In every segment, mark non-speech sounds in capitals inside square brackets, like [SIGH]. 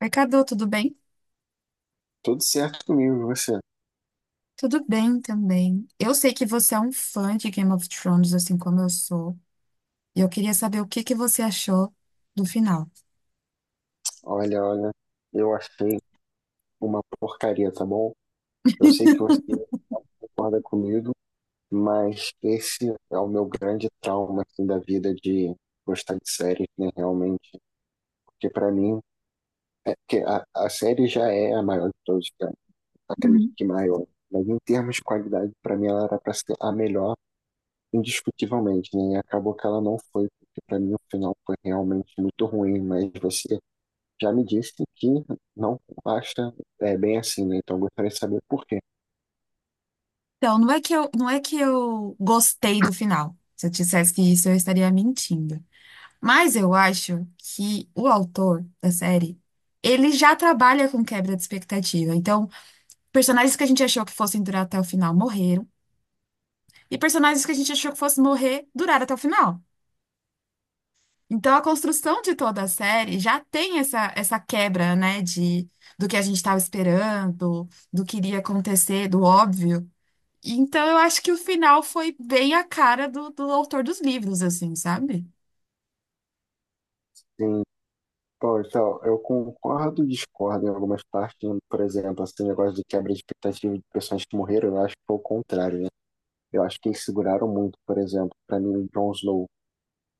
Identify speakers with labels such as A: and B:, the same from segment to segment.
A: Oi, Cadu, tudo bem?
B: Tudo certo comigo, e você?
A: Tudo bem também. Eu sei que você é um fã de Game of Thrones, assim como eu sou, e eu queria saber o que que você achou do final.
B: Olha, eu achei uma porcaria, tá bom? Eu sei que você concorda comigo, mas esse é o meu grande trauma assim, da vida de gostar de séries, né? Realmente, porque pra mim, é, porque a série já é a maior de todos os tempos, acredito
A: Uhum.
B: que maior. Mas em termos de qualidade, pra mim ela era pra ser a melhor, indiscutivelmente, né? E acabou que ela não foi, porque pra mim o final foi realmente muito ruim, mas você já me disse que não acha é, bem assim, né? Então, eu gostaria de saber por quê.
A: Então, não é que eu gostei do final. Se eu dissesse que isso, eu estaria mentindo. Mas eu acho que o autor da série, ele já trabalha com quebra de expectativa. Então, personagens que a gente achou que fossem durar até o final morreram, e personagens que a gente achou que fossem morrer duraram até o final. Então, a construção de toda a série já tem essa quebra, né, de, do que a gente estava esperando, do que iria acontecer, do óbvio. Então, eu acho que o final foi bem a cara do, do autor dos livros, assim, sabe?
B: Sim, pô, então, eu concordo e discordo em algumas partes, né? Por exemplo, esse negócio de quebra de expectativa de pessoas que morreram, eu acho que foi o contrário, né? Eu acho que eles seguraram muito, por exemplo, pra mim, o Jon Snow.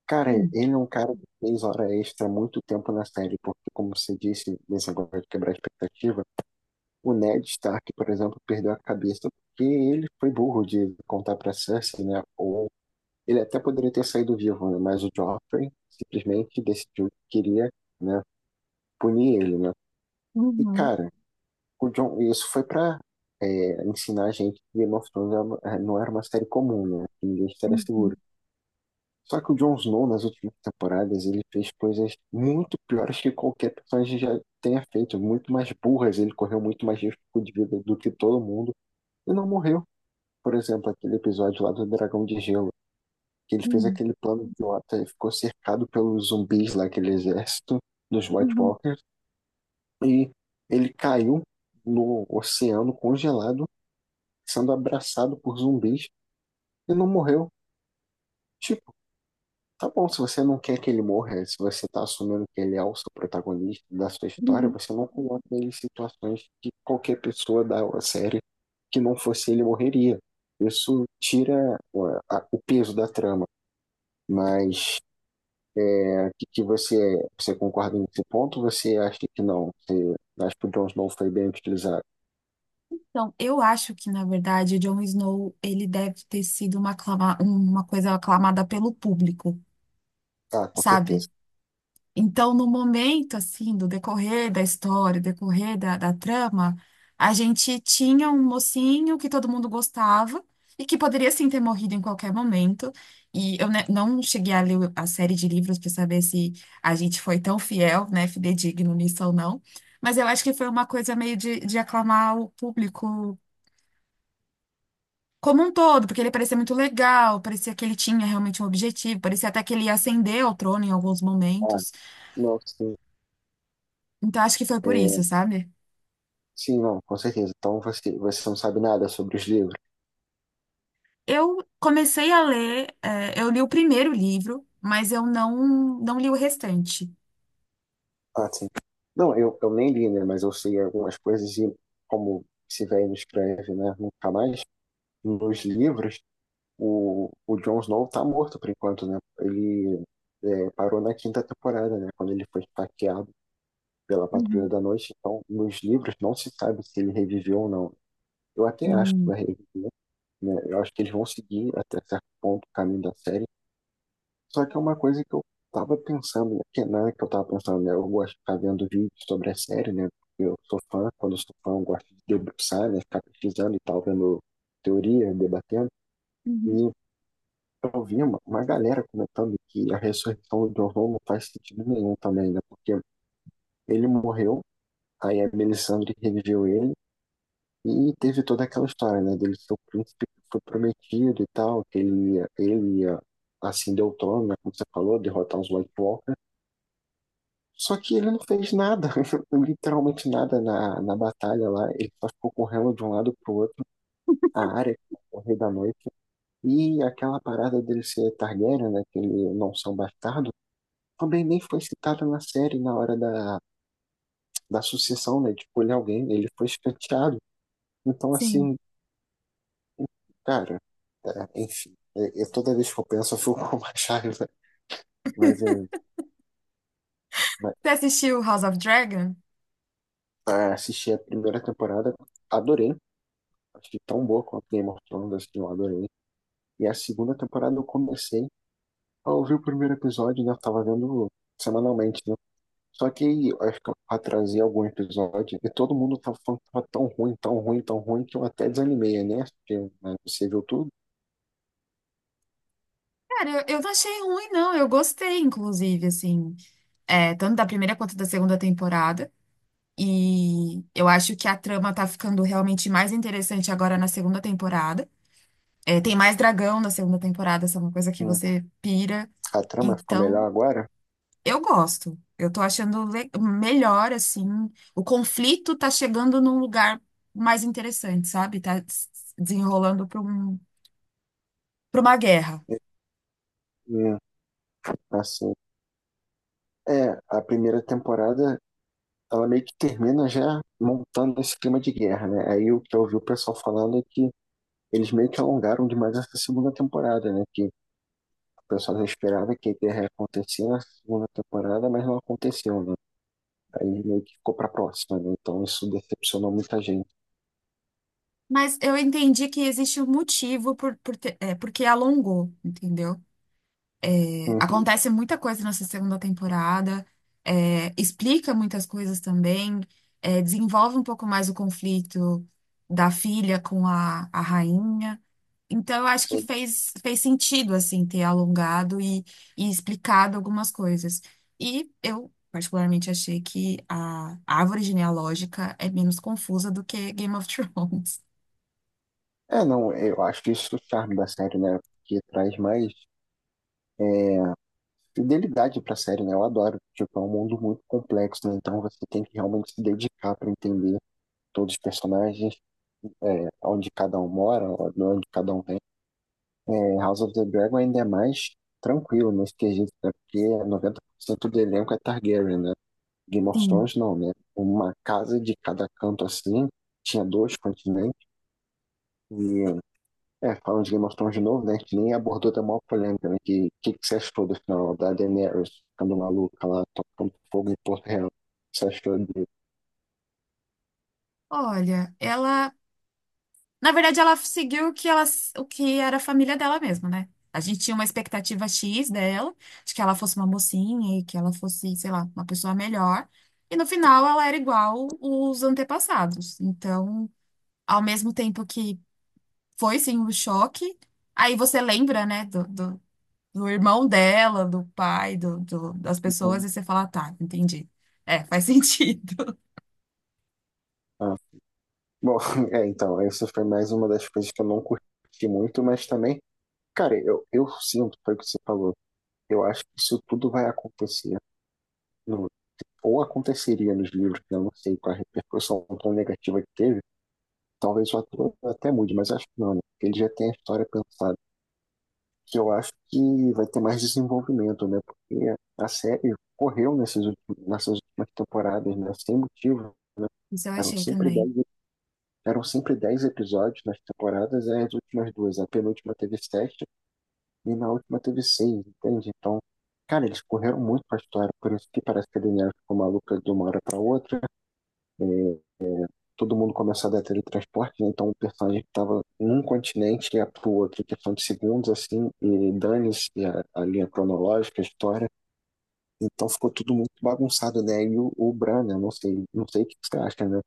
B: Cara,
A: Hum.
B: ele é um cara que fez hora extra há muito tempo na série, porque, como você disse, nesse negócio de quebrar a expectativa, o Ned Stark, por exemplo, perdeu a cabeça porque ele foi burro de contar pra Cersei, né? Ou ele até poderia ter saído vivo, né? Mas o Joffrey simplesmente decidiu que queria, né, punir ele, né? E,
A: Uhum,
B: cara, o Jon, isso foi pra é, ensinar a gente que Game of Thrones é é, não era uma série comum, né? Que ninguém estaria seguro.
A: uhum,
B: Só que o Jon Snow, nas últimas temporadas, ele fez coisas muito piores que qualquer personagem já tenha feito, muito mais burras. Ele correu muito mais risco de vida do que todo mundo e não morreu. Por exemplo, aquele episódio lá do Dragão de Gelo, que ele fez
A: uhum,
B: aquele plano idiota, ele ficou cercado pelos zumbis lá, aquele exército dos White
A: uhum,
B: Walkers, e ele caiu no oceano congelado, sendo abraçado por zumbis e não morreu. Tipo, tá bom, se você não quer que ele morra, se você tá assumindo que ele é o seu protagonista da sua história,
A: uhum.
B: você não coloca ele em situações que qualquer pessoa da série que não fosse ele morreria. Isso tira ué, o peso da trama, mas que você, você concorda nesse ponto? Ou você acha que não? Você acha que o Jon Snow foi bem utilizado?
A: Então, eu acho que, na verdade, o Jon Snow, ele deve ter sido uma, uma coisa aclamada pelo público,
B: Ah, com
A: sabe?
B: certeza.
A: Então, no momento, assim, do decorrer da história, decorrer da, da trama, a gente tinha um mocinho que todo mundo gostava e que poderia, sim, ter morrido em qualquer momento. E eu né, não cheguei a ler a série de livros para saber se a gente foi tão fiel, né, fidedigno nisso ou não. Mas eu acho que foi uma coisa meio de aclamar o público como um todo, porque ele parecia muito legal, parecia que ele tinha realmente um objetivo, parecia até que ele ia ascender ao trono em alguns
B: Ah,
A: momentos.
B: não, sim.
A: Então, acho que foi por
B: É,
A: isso, sabe?
B: sim, não, com certeza. Então você, você não sabe nada sobre os livros.
A: Eu comecei a ler, eu li o primeiro livro, mas eu não li o restante.
B: Ah, sim. Não, eu nem li, né? Mas eu sei algumas coisas e como esse velho não escreve, né? Nunca mais. Nos livros, o Jon Snow tá morto por enquanto, né? Ele é, parou na quinta temporada, né? Quando ele foi esfaqueado pela Patrulha
A: Uhum.
B: da Noite, então nos livros não se sabe se ele reviveu ou não. Eu até acho que
A: Hum.
B: vai reviver, né? Eu acho que eles vão seguir até certo ponto o caminho da série. Só que é uma coisa que eu tava pensando, né? Que não é que eu tava pensando, né? Eu gosto de ficar vendo vídeos sobre a série, né? Eu sou fã, quando eu sou fã, eu gosto de debruçar, né? Ficar pesquisando e tal, vendo teoria, debatendo.
A: Uhum,
B: E eu vi uma galera comentando que a ressurreição do John Holmes não faz sentido nenhum também, né? Porque ele morreu, aí a Melisandre reviveu ele, e teve toda aquela história, né, dele ser o príncipe que foi prometido e tal, que ele ia ascender o trono, né, como você falou, derrotar os White Walker. Só que ele não fez nada, [LAUGHS] literalmente nada na batalha lá. Ele só ficou correndo de um lado pro outro, a área o Rei da Noite. E aquela parada dele ser Targaryen, né, que ele não ser um bastardo, também nem foi citada na série na hora da sucessão, né, de escolher alguém. Ele foi escanteado. Então,
A: sim.
B: assim, cara, tá, enfim. Toda vez que eu penso, eu fico [LAUGHS] com mais raiva. Mas é isso. Mas,
A: Você assistiu House of Dragon?
B: ah, assisti a primeira temporada, adorei. Achei tão boa quanto Game of Thrones, assim, eu adorei. E a segunda temporada eu comecei a ouvir o primeiro episódio, né? Eu tava vendo semanalmente, né? Só que aí, eu acho que eu atrasei algum episódio e todo mundo tava falando que tava tão ruim, tão ruim, tão ruim, que eu até desanimei, né? Porque, né, você viu tudo.
A: Cara, eu não achei ruim, não. Eu gostei, inclusive, assim, tanto da primeira quanto da segunda temporada. E eu acho que a trama tá ficando realmente mais interessante agora na segunda temporada. Tem mais dragão na segunda temporada, essa é uma coisa que
B: Hum,
A: você pira.
B: A trama ficou melhor
A: Então,
B: agora.
A: eu gosto. Eu tô achando melhor, assim. O conflito tá chegando num lugar mais interessante, sabe? Desenrolando para um, para uma guerra.
B: Hum, assim, é, a primeira temporada ela meio que termina já montando esse clima de guerra, né? Aí o que eu ouvi o pessoal falando é que eles meio que alongaram demais essa segunda temporada, né? Que o pessoal já esperava que a guerra ia acontecer na segunda temporada, mas não aconteceu, né? Aí meio que ficou pra próxima, né? Então isso decepcionou muita gente.
A: Mas eu entendi que existe um motivo porque alongou, entendeu?
B: Uhum,
A: Acontece muita coisa nessa segunda temporada, explica muitas coisas também, desenvolve um pouco mais o conflito da filha com a rainha. Então, eu acho que
B: sim.
A: fez sentido, assim, ter alongado e explicado algumas coisas. E eu, particularmente, achei que a árvore genealógica é menos confusa do que Game of [LAUGHS] Thrones.
B: É, não, eu acho que isso é o charme da série, né? Que traz mais é, fidelidade pra série, né? Eu adoro. Tipo, é um mundo muito complexo, né? Então você tem que realmente se dedicar pra entender todos os personagens é, onde cada um mora, onde cada um tem. É, House of the Dragon ainda é mais tranquilo nesse quesito, né? Porque 90% do elenco é Targaryen, né? Game of
A: Sim.
B: Thrones não, né? Uma casa de cada canto assim, tinha dois continentes. E, é, falando de Game of Thrones de novo, né? A gente nem abordou da maior polêmica, né? Que que você achou do final da Daenerys ficando maluca lá, tocando fogo em Porto Real? Você achou de...
A: Olha, ela... Na verdade, ela seguiu o que, ela, o que era a família dela mesma, né? A gente tinha uma expectativa X dela, de que ela fosse uma mocinha e que ela fosse, sei lá, uma pessoa melhor. E no final, ela era igual os antepassados. Então, ao mesmo tempo que foi sim um choque. Aí você lembra, né, do, do, do irmão dela, do pai, do, das pessoas,
B: Uhum.
A: e você fala, tá, entendi. É, faz [LAUGHS] sentido.
B: Ah. Bom, [LAUGHS] é, então, essa foi mais uma das coisas que eu não curti muito, mas também cara, eu sinto, foi o que você falou. Eu acho que isso tudo vai acontecer, no- ou aconteceria nos livros, né? Eu não sei qual a repercussão tão negativa que teve. Talvez o ator até mude, mas acho que não, né? Porque ele já tem a história pensada. Que eu acho que vai ter mais desenvolvimento, né? Porque a série correu nesses nessas últimas temporadas, né? Sem motivo.
A: Isso eu
B: Eram
A: achei
B: sempre dez
A: também.
B: eram sempre 10 episódios nas temporadas, aí as últimas duas. A penúltima teve sete e na última teve seis, entende? Então, cara, eles correram muito com a história, por isso que parece que a Daenerys ficou maluca de uma hora pra outra, todo mundo começa a dar teletransporte, né? Então o personagem que tava num continente ia pro outro, em questão de segundos, assim, e dane-se a linha cronológica, a história, então ficou tudo muito bagunçado, né? E o Bran, né? Não sei, não sei o que você acha, né?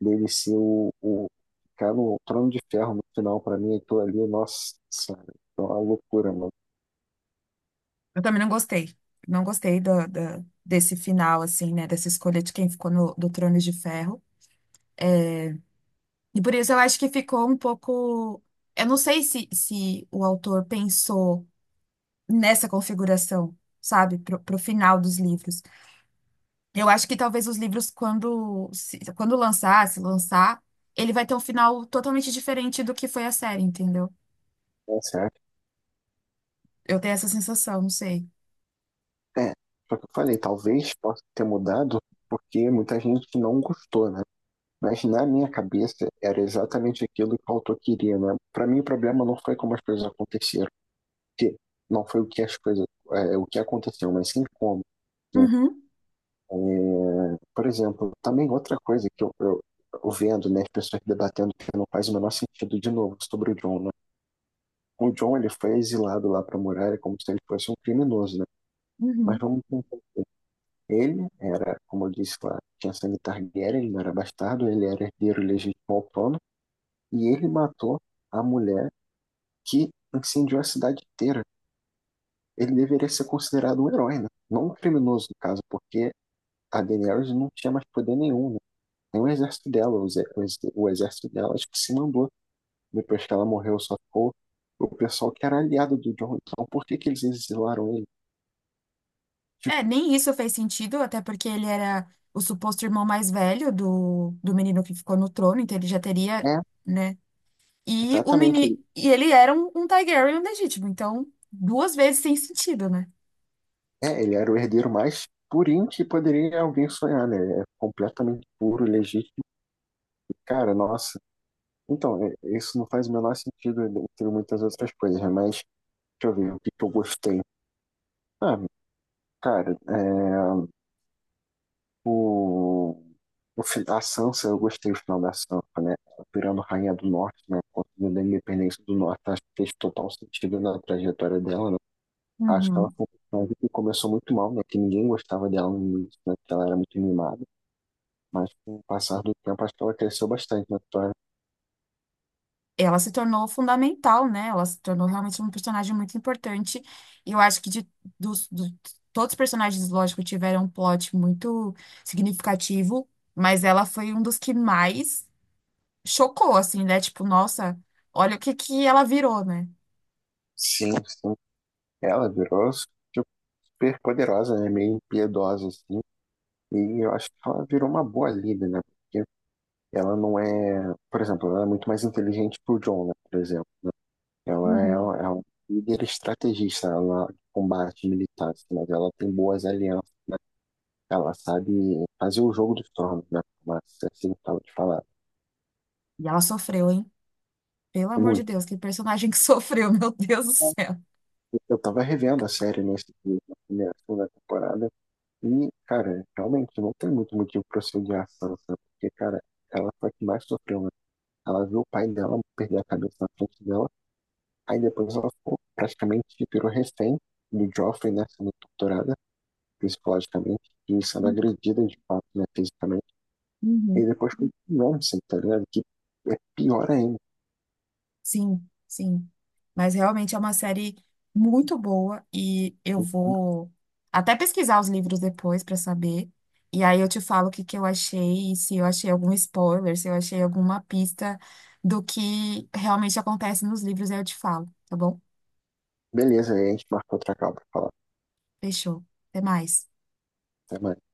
B: Dele ser o ficar no trono de ferro no final, pra mim, aquilo ali, nossa, é uma loucura, mano.
A: Eu também não gostei. Não gostei da desse final, assim, né, dessa escolha de quem ficou no, do Trono de Ferro. E por isso eu acho que ficou um pouco. Eu não sei se o autor pensou nessa configuração, sabe, pro, pro final dos livros. Eu acho que talvez os livros, quando, quando lançar, se lançar, ele vai ter um final totalmente diferente do que foi a série, entendeu?
B: O que você acha?
A: Eu tenho essa sensação, não sei.
B: É, só que eu falei, talvez possa ter mudado porque muita gente não gostou, né? Mas na minha cabeça era exatamente aquilo que o autor queria, né? Para mim o problema não foi como as coisas aconteceram, porque não foi o que as coisas, é, o que aconteceu, mas sim como. Né?
A: Uhum,
B: É, por exemplo, também outra coisa que eu vendo, né, as pessoas debatendo que não faz o menor sentido de novo sobre o John, né? O John ele foi exilado lá para Muralha como se ele fosse um criminoso, né? Mas
A: uhum.
B: vamos ele era, como eu disse lá, tinha sangue Targaryen, ele não era bastardo, ele era herdeiro legítimo ao trono, e ele matou a mulher que incendiou a cidade inteira. Ele deveria ser considerado um herói, né? Não um criminoso, no caso, porque a Daenerys não tinha mais poder nenhum, né? Nem o exército dela, o exército dela acho que se mandou. Depois que ela morreu, só ficou o pessoal que era aliado do Jon. Então, por que que eles exilaram ele? Tipo,
A: É, nem isso fez sentido, até porque ele era o suposto irmão mais velho do, do menino que ficou no trono, então ele já teria,
B: é,
A: né? E o
B: exatamente,
A: menino, e ele era um, um Targaryen legítimo, então duas vezes sem sentido, né?
B: é, ele era o herdeiro mais purinho que poderia alguém sonhar, né? É completamente puro, legítimo. Cara, nossa. Então, isso não faz o menor sentido entre muitas outras coisas, né? Mas deixa eu ver o que que eu gostei. Ah, cara, é, o, a Sansa, eu gostei do final da Sansa, né? Virando Rainha do Norte, né? Conseguindo a independência do Norte, acho que fez total sentido na trajetória dela, né? Acho que ela
A: Uhum.
B: foi uma personagem que começou muito mal, né? Que ninguém gostava dela no início, né? Que ela era muito mimada. Mas com o passar do tempo, acho que ela cresceu bastante na história.
A: Ela se tornou fundamental, né? Ela se tornou realmente um personagem muito importante. E eu acho que de, dos, todos os personagens, lógico, tiveram um plot muito significativo, mas ela foi um dos que mais chocou, assim, né? Tipo, nossa, olha o que que ela virou, né?
B: Sim, sim. Ela virou tipo, super poderosa, né? Meio impiedosa, assim. E eu acho que ela virou uma boa líder, né? Porque ela não é. Por exemplo, ela é muito mais inteligente que o John, né? Por exemplo. Ela é, é
A: Uhum.
B: uma líder estrategista ela combate militar, assim, mas ela tem boas alianças, né? Ela sabe fazer o jogo dos tronos, né? Mas assim, eu tava te falando.
A: E ela sofreu, hein? Pelo amor de
B: Muito.
A: Deus, que personagem que [LAUGHS] sofreu, meu Deus do céu.
B: Eu tava revendo a série nesse, na primeira, segunda temporada. E, cara, realmente não tem muito motivo pra se odiar a Sansa, porque, cara, ela foi a que mais sofreu, né? Ela viu o pai dela perder a cabeça na frente dela, aí depois ela ficou praticamente virou refém do Joffrey, né? Sendo torturada psicologicamente e sendo agredida de fato, né? Fisicamente. E
A: Uhum.
B: depois com o Ramsay, tá ligado? Que é pior ainda.
A: Sim, sim. Mas realmente é uma série muito boa e eu vou até pesquisar os livros depois para saber. E aí eu te falo o que que eu achei, e se eu achei algum spoiler, se eu achei alguma pista do que realmente acontece nos livros, aí eu te falo, tá bom?
B: Beleza, aí a gente marcou outra call pra falar.
A: Fechou. Até mais.
B: Até mais.